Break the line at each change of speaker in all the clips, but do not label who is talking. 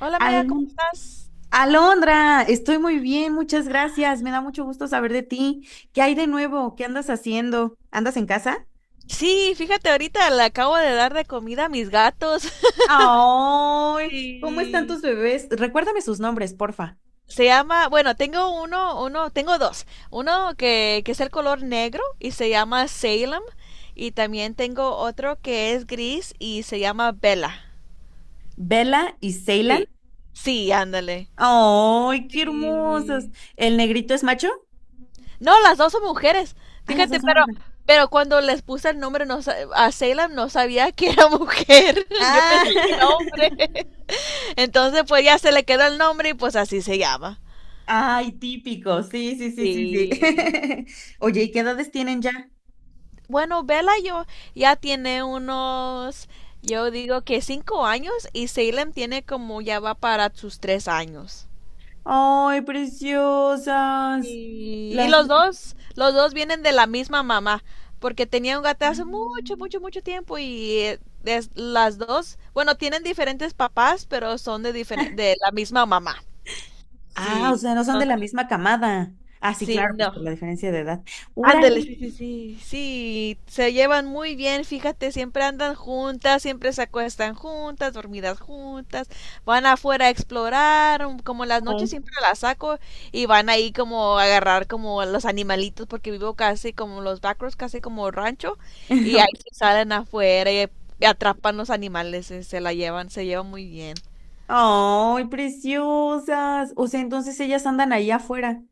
Hola amiga, ¿cómo
Alon-
estás?
Alondra, estoy muy bien, muchas gracias. Me da mucho gusto saber de ti. ¿Qué hay de nuevo? ¿Qué andas haciendo? ¿Andas en casa?
Sí, fíjate, ahorita le acabo de dar de comida a mis gatos.
¡Ay! ¿Cómo están
Y
tus bebés? Recuérdame sus nombres, porfa.
se llama, bueno, tengo dos. Uno que es el color negro y se llama Salem, y también tengo otro que es gris y se llama Bella.
Bella y Ceylan.
Sí, sí, ándale.
¡Ay, qué hermosos!
Sí.
¿El negrito es macho?
No, las dos son mujeres.
Ah, las
Fíjate,
dos son
pero,
hembras.
pero cuando les puse el nombre a Salem no sabía que era mujer. Yo
Ah,
pensaba que era hombre. Entonces, pues ya se le quedó el nombre y pues así se llama.
ay, típico. Sí, sí, sí, sí, sí.
Sí.
Oye, ¿y qué edades tienen ya?
Bueno, Bella yo ya tiene unos, yo digo que 5 años, y Salem tiene como ya va para sus 3 años.
¡Ay, preciosas!
Y
Las...
los dos vienen de la misma mamá, porque tenía un gato hace mucho, mucho, mucho tiempo, y las dos, bueno, tienen diferentes papás, pero son de la misma mamá.
Ah, o
Sí.
sea, no son de la
Entonces,
misma camada. Ah, sí,
sí,
claro, pues
no.
por la diferencia de edad.
Ándale,
¡Órale!
sí, sí, sí, sí, se llevan muy bien, fíjate, siempre andan juntas, siempre se acuestan juntas, dormidas juntas, van afuera a explorar. Como las noches siempre las saco, y van ahí como a agarrar como a los animalitos, porque vivo casi como los backroads, casi como rancho, y ahí se salen afuera y atrapan los animales, se la llevan, se llevan muy bien.
¡Ay, preciosas! O sea, entonces ellas andan ahí afuera.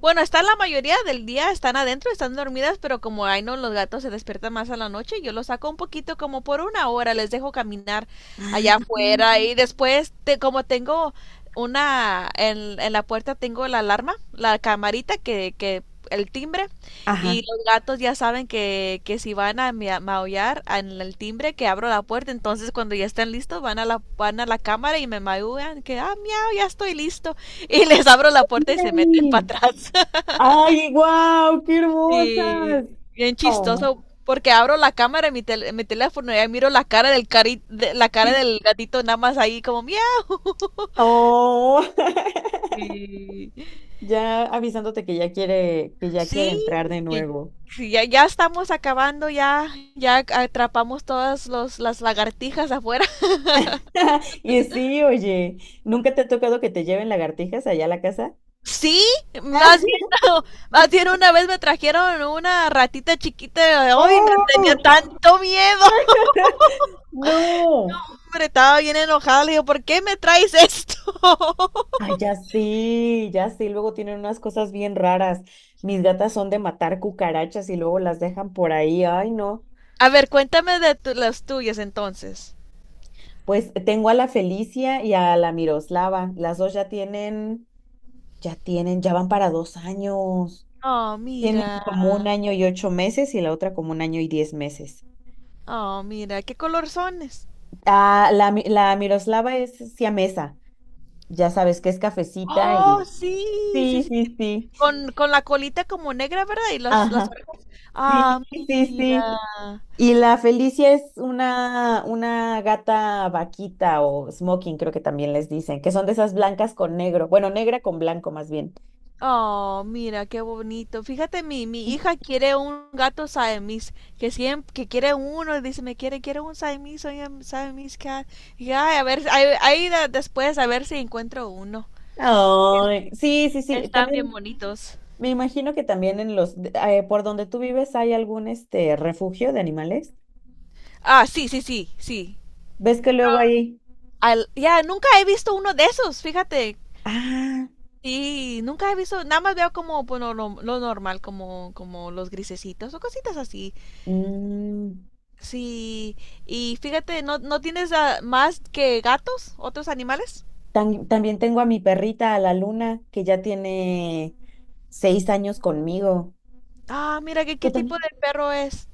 Bueno, están la mayoría del día, están adentro, están dormidas, pero como ay no, los gatos se despiertan más a la noche. Yo los saco un poquito como por una hora, les dejo caminar allá
Ah,
afuera, y después, como tengo en la puerta tengo la alarma, la camarita que el timbre,
ajá.
y los gatos ya saben que si van a maullar en el timbre, que abro la puerta. Entonces cuando ya están listos, van a la cámara, y me maullan que ah, miau, ya estoy listo, y les abro la puerta y se meten
¡Órale!
para atrás.
¡Ay, guau! ¡Qué
Sí,
hermosas!
bien
¡Oh!
chistoso, porque abro la cámara en en mi teléfono, y ahí miro la cara del cari de- la cara del gatito, nada más ahí como miau.
¡Oh!
Sí,
Ya avisándote que ya quiere
sí,
entrar de
y-
nuevo.
sí, ya, ya estamos acabando, ya, ya atrapamos todas las lagartijas afuera.
Y sí, oye, ¿nunca te ha tocado que te lleven lagartijas allá a la casa?
Sí, más bien, más bien una vez me trajeron una ratita chiquita, hoy no
¡Oh!
tenía tanto miedo.
¡No!
Hombre, estaba bien enojada, le digo, ¿por qué me traes esto?
Ay, ya sí, ya sí, luego tienen unas cosas bien raras. Mis gatas son de matar cucarachas y luego las dejan por ahí. Ay, no.
A ver, cuéntame de las tuyas entonces.
Pues tengo a la Felicia y a la Miroslava. Las dos ya tienen, ya van para 2 años.
Oh,
Tienen
mira.
como 1 año y 8 meses y la otra como 1 año y 10 meses.
Oh, mira, qué color sones.
Ah, la Miroslava es siamesa. Ya sabes que es cafecita
Oh,
y...
sí, sí,
Sí,
sí.
sí, sí.
Con la colita como negra, ¿verdad? Y las
Ajá.
orejas. Ah,
Sí, sí,
mira.
sí. Y la Felicia es una gata vaquita o smoking, creo que también les dicen, que son de esas blancas con negro, bueno, negra con blanco más bien.
Oh, mira, qué bonito. Fíjate, mi hija quiere un gato Siamese, que siempre, que quiere uno, y dice, me quiere, quiere un Siamese, oye, Siamese cat. Y ay, a ver, después a ver si encuentro uno.
Ay, sí, sí, sí,
Están bien
también
bonitos.
me imagino que también en por donde tú vives hay algún este refugio de animales.
Ah, sí, sí, sí, sí.
¿Ves que luego hay?
Ya, nunca he visto uno de esos, fíjate.
Ah,
Sí, nunca he visto, nada más veo como bueno, lo normal, como los grisecitos o cositas así.
mm,
Sí, y fíjate, ¿no, no tienes más que gatos, otros animales?
también tengo a mi perrita, a la Luna, que ya tiene 6 años conmigo.
Ah, mira, ¿qué
¿Tú
tipo
también?
de perro es?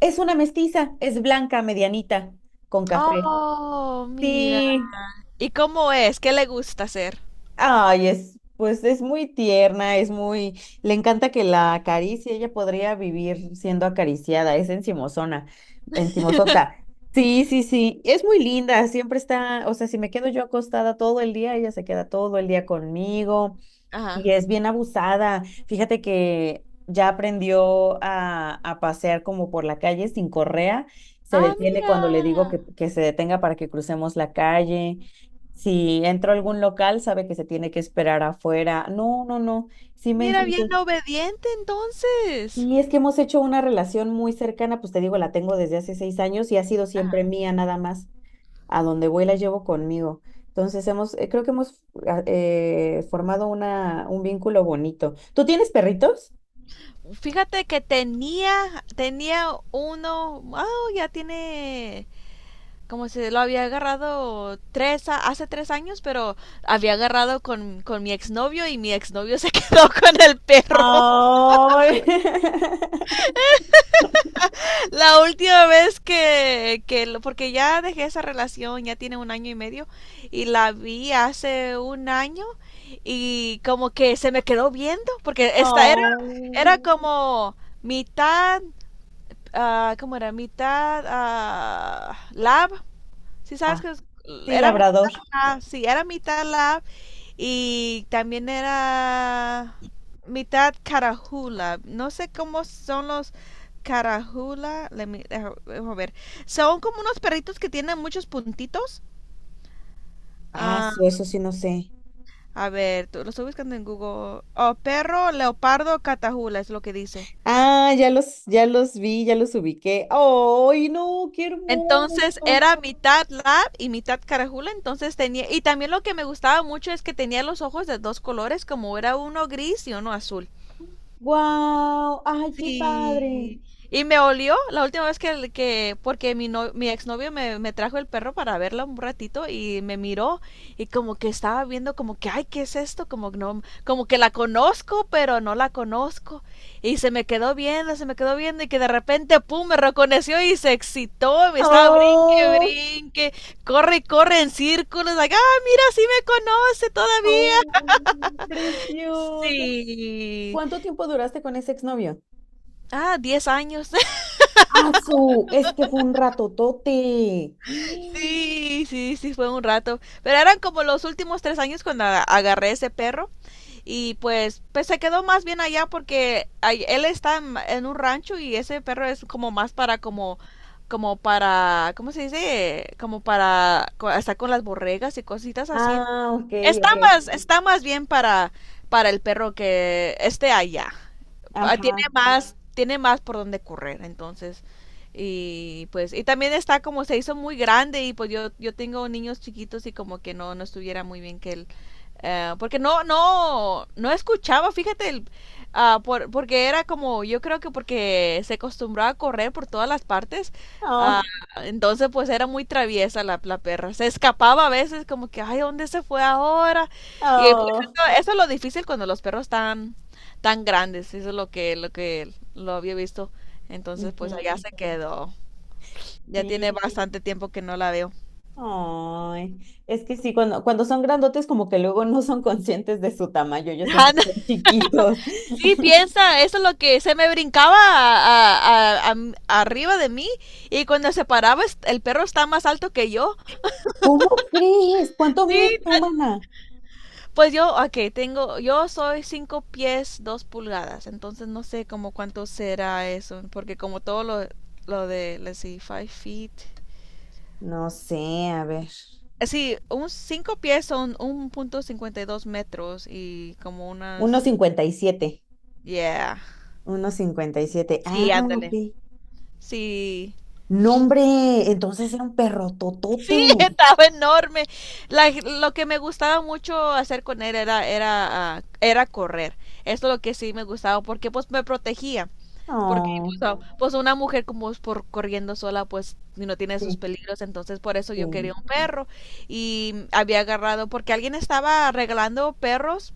Es una mestiza, es blanca, medianita, con café.
Oh, mira.
Sí,
¿Y cómo es? ¿Qué le gusta hacer?
ay, pues es muy tierna, le encanta que la acaricie, ella podría vivir siendo acariciada, es encimosona, encimosota. Sí, sí, sí, es muy linda, siempre está, o sea, si me quedo yo acostada todo el día, ella se queda todo el día conmigo.
Ajá.
Y es bien abusada. Fíjate que ya aprendió a pasear como por la calle sin correa. Se
Ah,
detiene cuando le digo
mira.
que se detenga para que crucemos la calle. Si entro a algún local, sabe que se tiene que esperar afuera. No, no, no. Sí me
Mira, bien
entiende.
obediente entonces.
Y es que hemos hecho una relación muy cercana, pues te digo, la tengo desde hace 6 años y ha sido siempre mía nada más a donde voy la llevo conmigo. Entonces creo que hemos formado un vínculo bonito. ¿Tú tienes perritos?
Fíjate que tenía uno, oh, ya tiene, como si lo había agarrado hace 3 años, pero había agarrado con mi exnovio, y mi exnovio se quedó con el perro.
Ay,
La última vez porque ya dejé esa relación, ya tiene un año y medio, y la vi hace un año, y como que se me quedó viendo, porque esta
no.
era como mitad ¿cómo era? Mitad lab. Si sabes
Ah, sí,
era
labrador.
mitad lab, sí, era mitad lab, y también era mitad carajula. No sé cómo son los carajula. Déjame ver. Son como unos perritos que tienen muchos puntitos.
Ah,
Ah,
sí, eso sí no sé.
a ver, lo estoy buscando en Google. Oh, perro leopardo, catajula es lo que dice.
Ah, ya los vi, ya los ubiqué. ¡Ay, no! ¡Qué
Entonces
hermoso!
era mitad lab y mitad carajula, entonces tenía, y también lo que me gustaba mucho es que tenía los ojos de dos colores, como era uno gris y uno azul.
¡Guau! ¡Ay, qué padre!
Sí. Y me olió la última vez que porque mi, no, mi exnovio me trajo el perro para verla un ratito, y me miró, y como que estaba viendo como que, ay, ¿qué es esto? Como que no, como que la conozco, pero no la conozco. Y se me quedó viendo, se me quedó viendo, y que de repente, pum, me reconoció y se excitó, me estaba brinque,
Oh.
brinque, corre, corre en círculos, like, ah, mira, sí me conoce
¡Oh,
todavía.
preciosa!
Sí.
¿Cuánto tiempo duraste con ese exnovio?
Ah, 10 años.
¡Ah, su! Es que fue un ratotote.
Sí, sí, sí, fue un rato. Pero eran como los últimos 3 años cuando agarré ese perro, y pues, se quedó más bien allá, porque él está en un rancho, y ese perro es como más para como para, ¿cómo se dice? Como para estar con las borregas y cositas así.
Ah, ok, ok.
Está más bien para el perro que esté allá. Ah, Tiene
Ajá.
más, tiene más por donde correr, entonces. Y pues, y también está como se hizo muy grande, y pues yo tengo niños chiquitos, y como que no, no estuviera muy bien que él porque no, no, no escuchaba, fíjate, porque era como, yo creo que porque se acostumbraba a correr por todas las partes. ah,
Oh,
entonces pues era muy traviesa la perra, se escapaba a veces como que, ay, ¿dónde se fue ahora? Y pues,
oh.
eso es lo difícil cuando los perros están tan grandes, eso es lo que lo había visto. Entonces pues allá
Ujú.
se quedó, ya
Sí.
tiene bastante tiempo que no la veo.
Ay, es que sí, cuando son grandotes, como que luego no son conscientes de su tamaño, ellos se sienten chiquitos.
Sí, piensa, eso es lo que se me brincaba arriba de mí, y cuando se paraba el perro está más alto que yo.
¿Cómo crees? ¿Cuánto
Sí,
mide tu humana?
pues yo, ok, yo soy 5 pies 2 pulgadas, entonces no sé como cuánto será eso, porque como todo lo, de, let's see, five feet.
No sé, a ver.
Sí, un 5 pies son 1,52 metros y como
Uno
unas,
cincuenta y siete,
yeah.
1,57.
Sí,
Ah, ok.
ándale. Sí,
No, hombre, entonces era un perro totote.
sí, estaba enorme. La- lo que me gustaba mucho hacer con él era, era correr. Esto es lo que sí me gustaba, porque pues me protegía. Porque pues,
Oh,
pues, una mujer como es por corriendo sola, pues y no tiene sus
sí.
peligros. Entonces por eso
Sí.
yo quería un perro. Y había agarrado porque alguien estaba regalando perros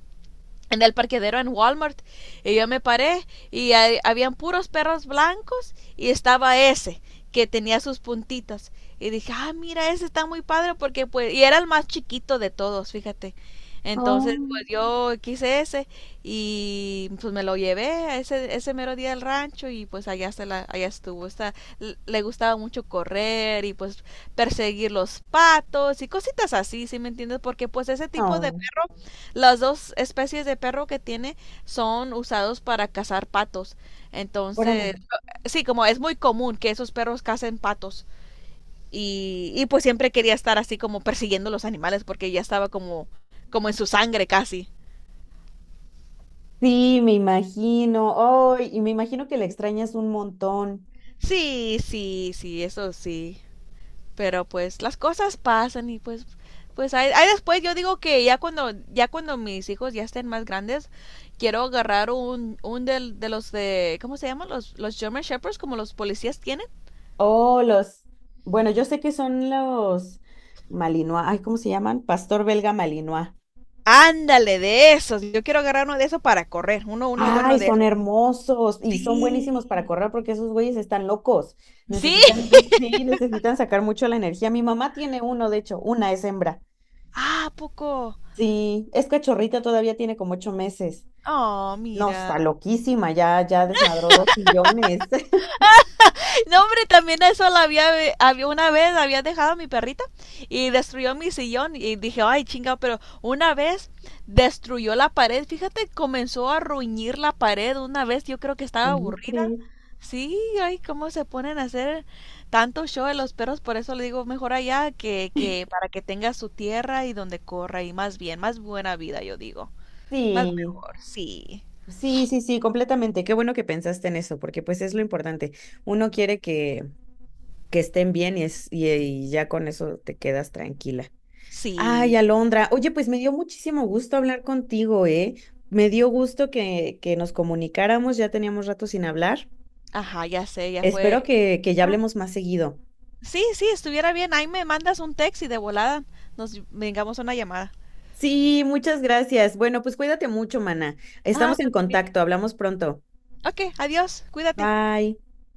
en el parqueadero en Walmart, y yo me paré, y habían puros perros blancos, y estaba ese que tenía sus puntitas, y dije, ah, mira, ese está muy padre porque pues, y era el más chiquito de todos, fíjate. Entonces,
Oh,
pues yo quise ese, y pues me lo llevé a ese mero día al rancho, y pues allá allá estuvo. Le gustaba mucho correr, y pues perseguir los patos y cositas así, ¿sí me entiendes? Porque pues ese tipo de
oh,
perro, las dos especies de perro que tiene son usados para cazar patos.
órale.
Entonces, sí, como es muy común que esos perros cacen patos. Y pues siempre quería estar así como persiguiendo los animales, porque ya estaba como en su sangre casi.
Sí, me imagino. Oh, y me imagino que la extrañas un montón.
Sí, sí, sí, eso sí. Pero pues las cosas pasan, y pues ahí, después yo digo que ya cuando mis hijos ya estén más grandes, quiero agarrar un del, de los de ¿cómo se llaman? Los German Shepherds, como los policías tienen.
Oh, los. Bueno, yo sé que son los Malinois. Ay, ¿cómo se llaman? Pastor belga Malinois.
Ándale, de esos. Yo quiero agarrar uno de esos para correr, uno bueno
Ay,
de
son
esos.
hermosos y son buenísimos para
Sí.
correr porque esos güeyes están locos. Necesitan,
Sí.
sí, necesitan sacar mucho la energía. Mi mamá tiene uno, de hecho, una es hembra.
Ah, ¿a poco?
Sí, es cachorrita, todavía tiene como 8 meses.
Oh,
No,
mira.
está loquísima, ya desmadró dos millones.
No, hombre, también eso la había, había una vez había dejado a mi perrita y destruyó mi sillón, y dije, ay, chinga. Pero una vez destruyó la pared, fíjate, comenzó a ruñir la pared una vez, yo creo que estaba
¿Cómo
aburrida.
crees?
Sí, ay, cómo se ponen a hacer tanto show de los perros. Por eso le digo, mejor allá, que para que tenga su tierra y donde corra, y más bien, más buena vida, yo digo. Más
Sí,
mejor, sí,
sí, sí, sí, completamente. Qué bueno que pensaste en eso, porque pues es lo importante. Uno quiere que estén bien y ya con eso te quedas tranquila. Ay,
sí.
Alondra, oye, pues me dio muchísimo gusto hablar contigo, ¿eh? Me dio gusto que nos comunicáramos, ya teníamos rato sin hablar.
Ajá, ya sé, ya
Espero
fue.
que ya hablemos más seguido.
Sí, sí, estuviera bien. Ahí me mandas un text y de volada nos vengamos a una llamada.
Sí, muchas gracias. Bueno, pues cuídate mucho, mana.
Ah,
Estamos en
tú también.
contacto, hablamos pronto.
Ok, adiós, cuídate.
Bye.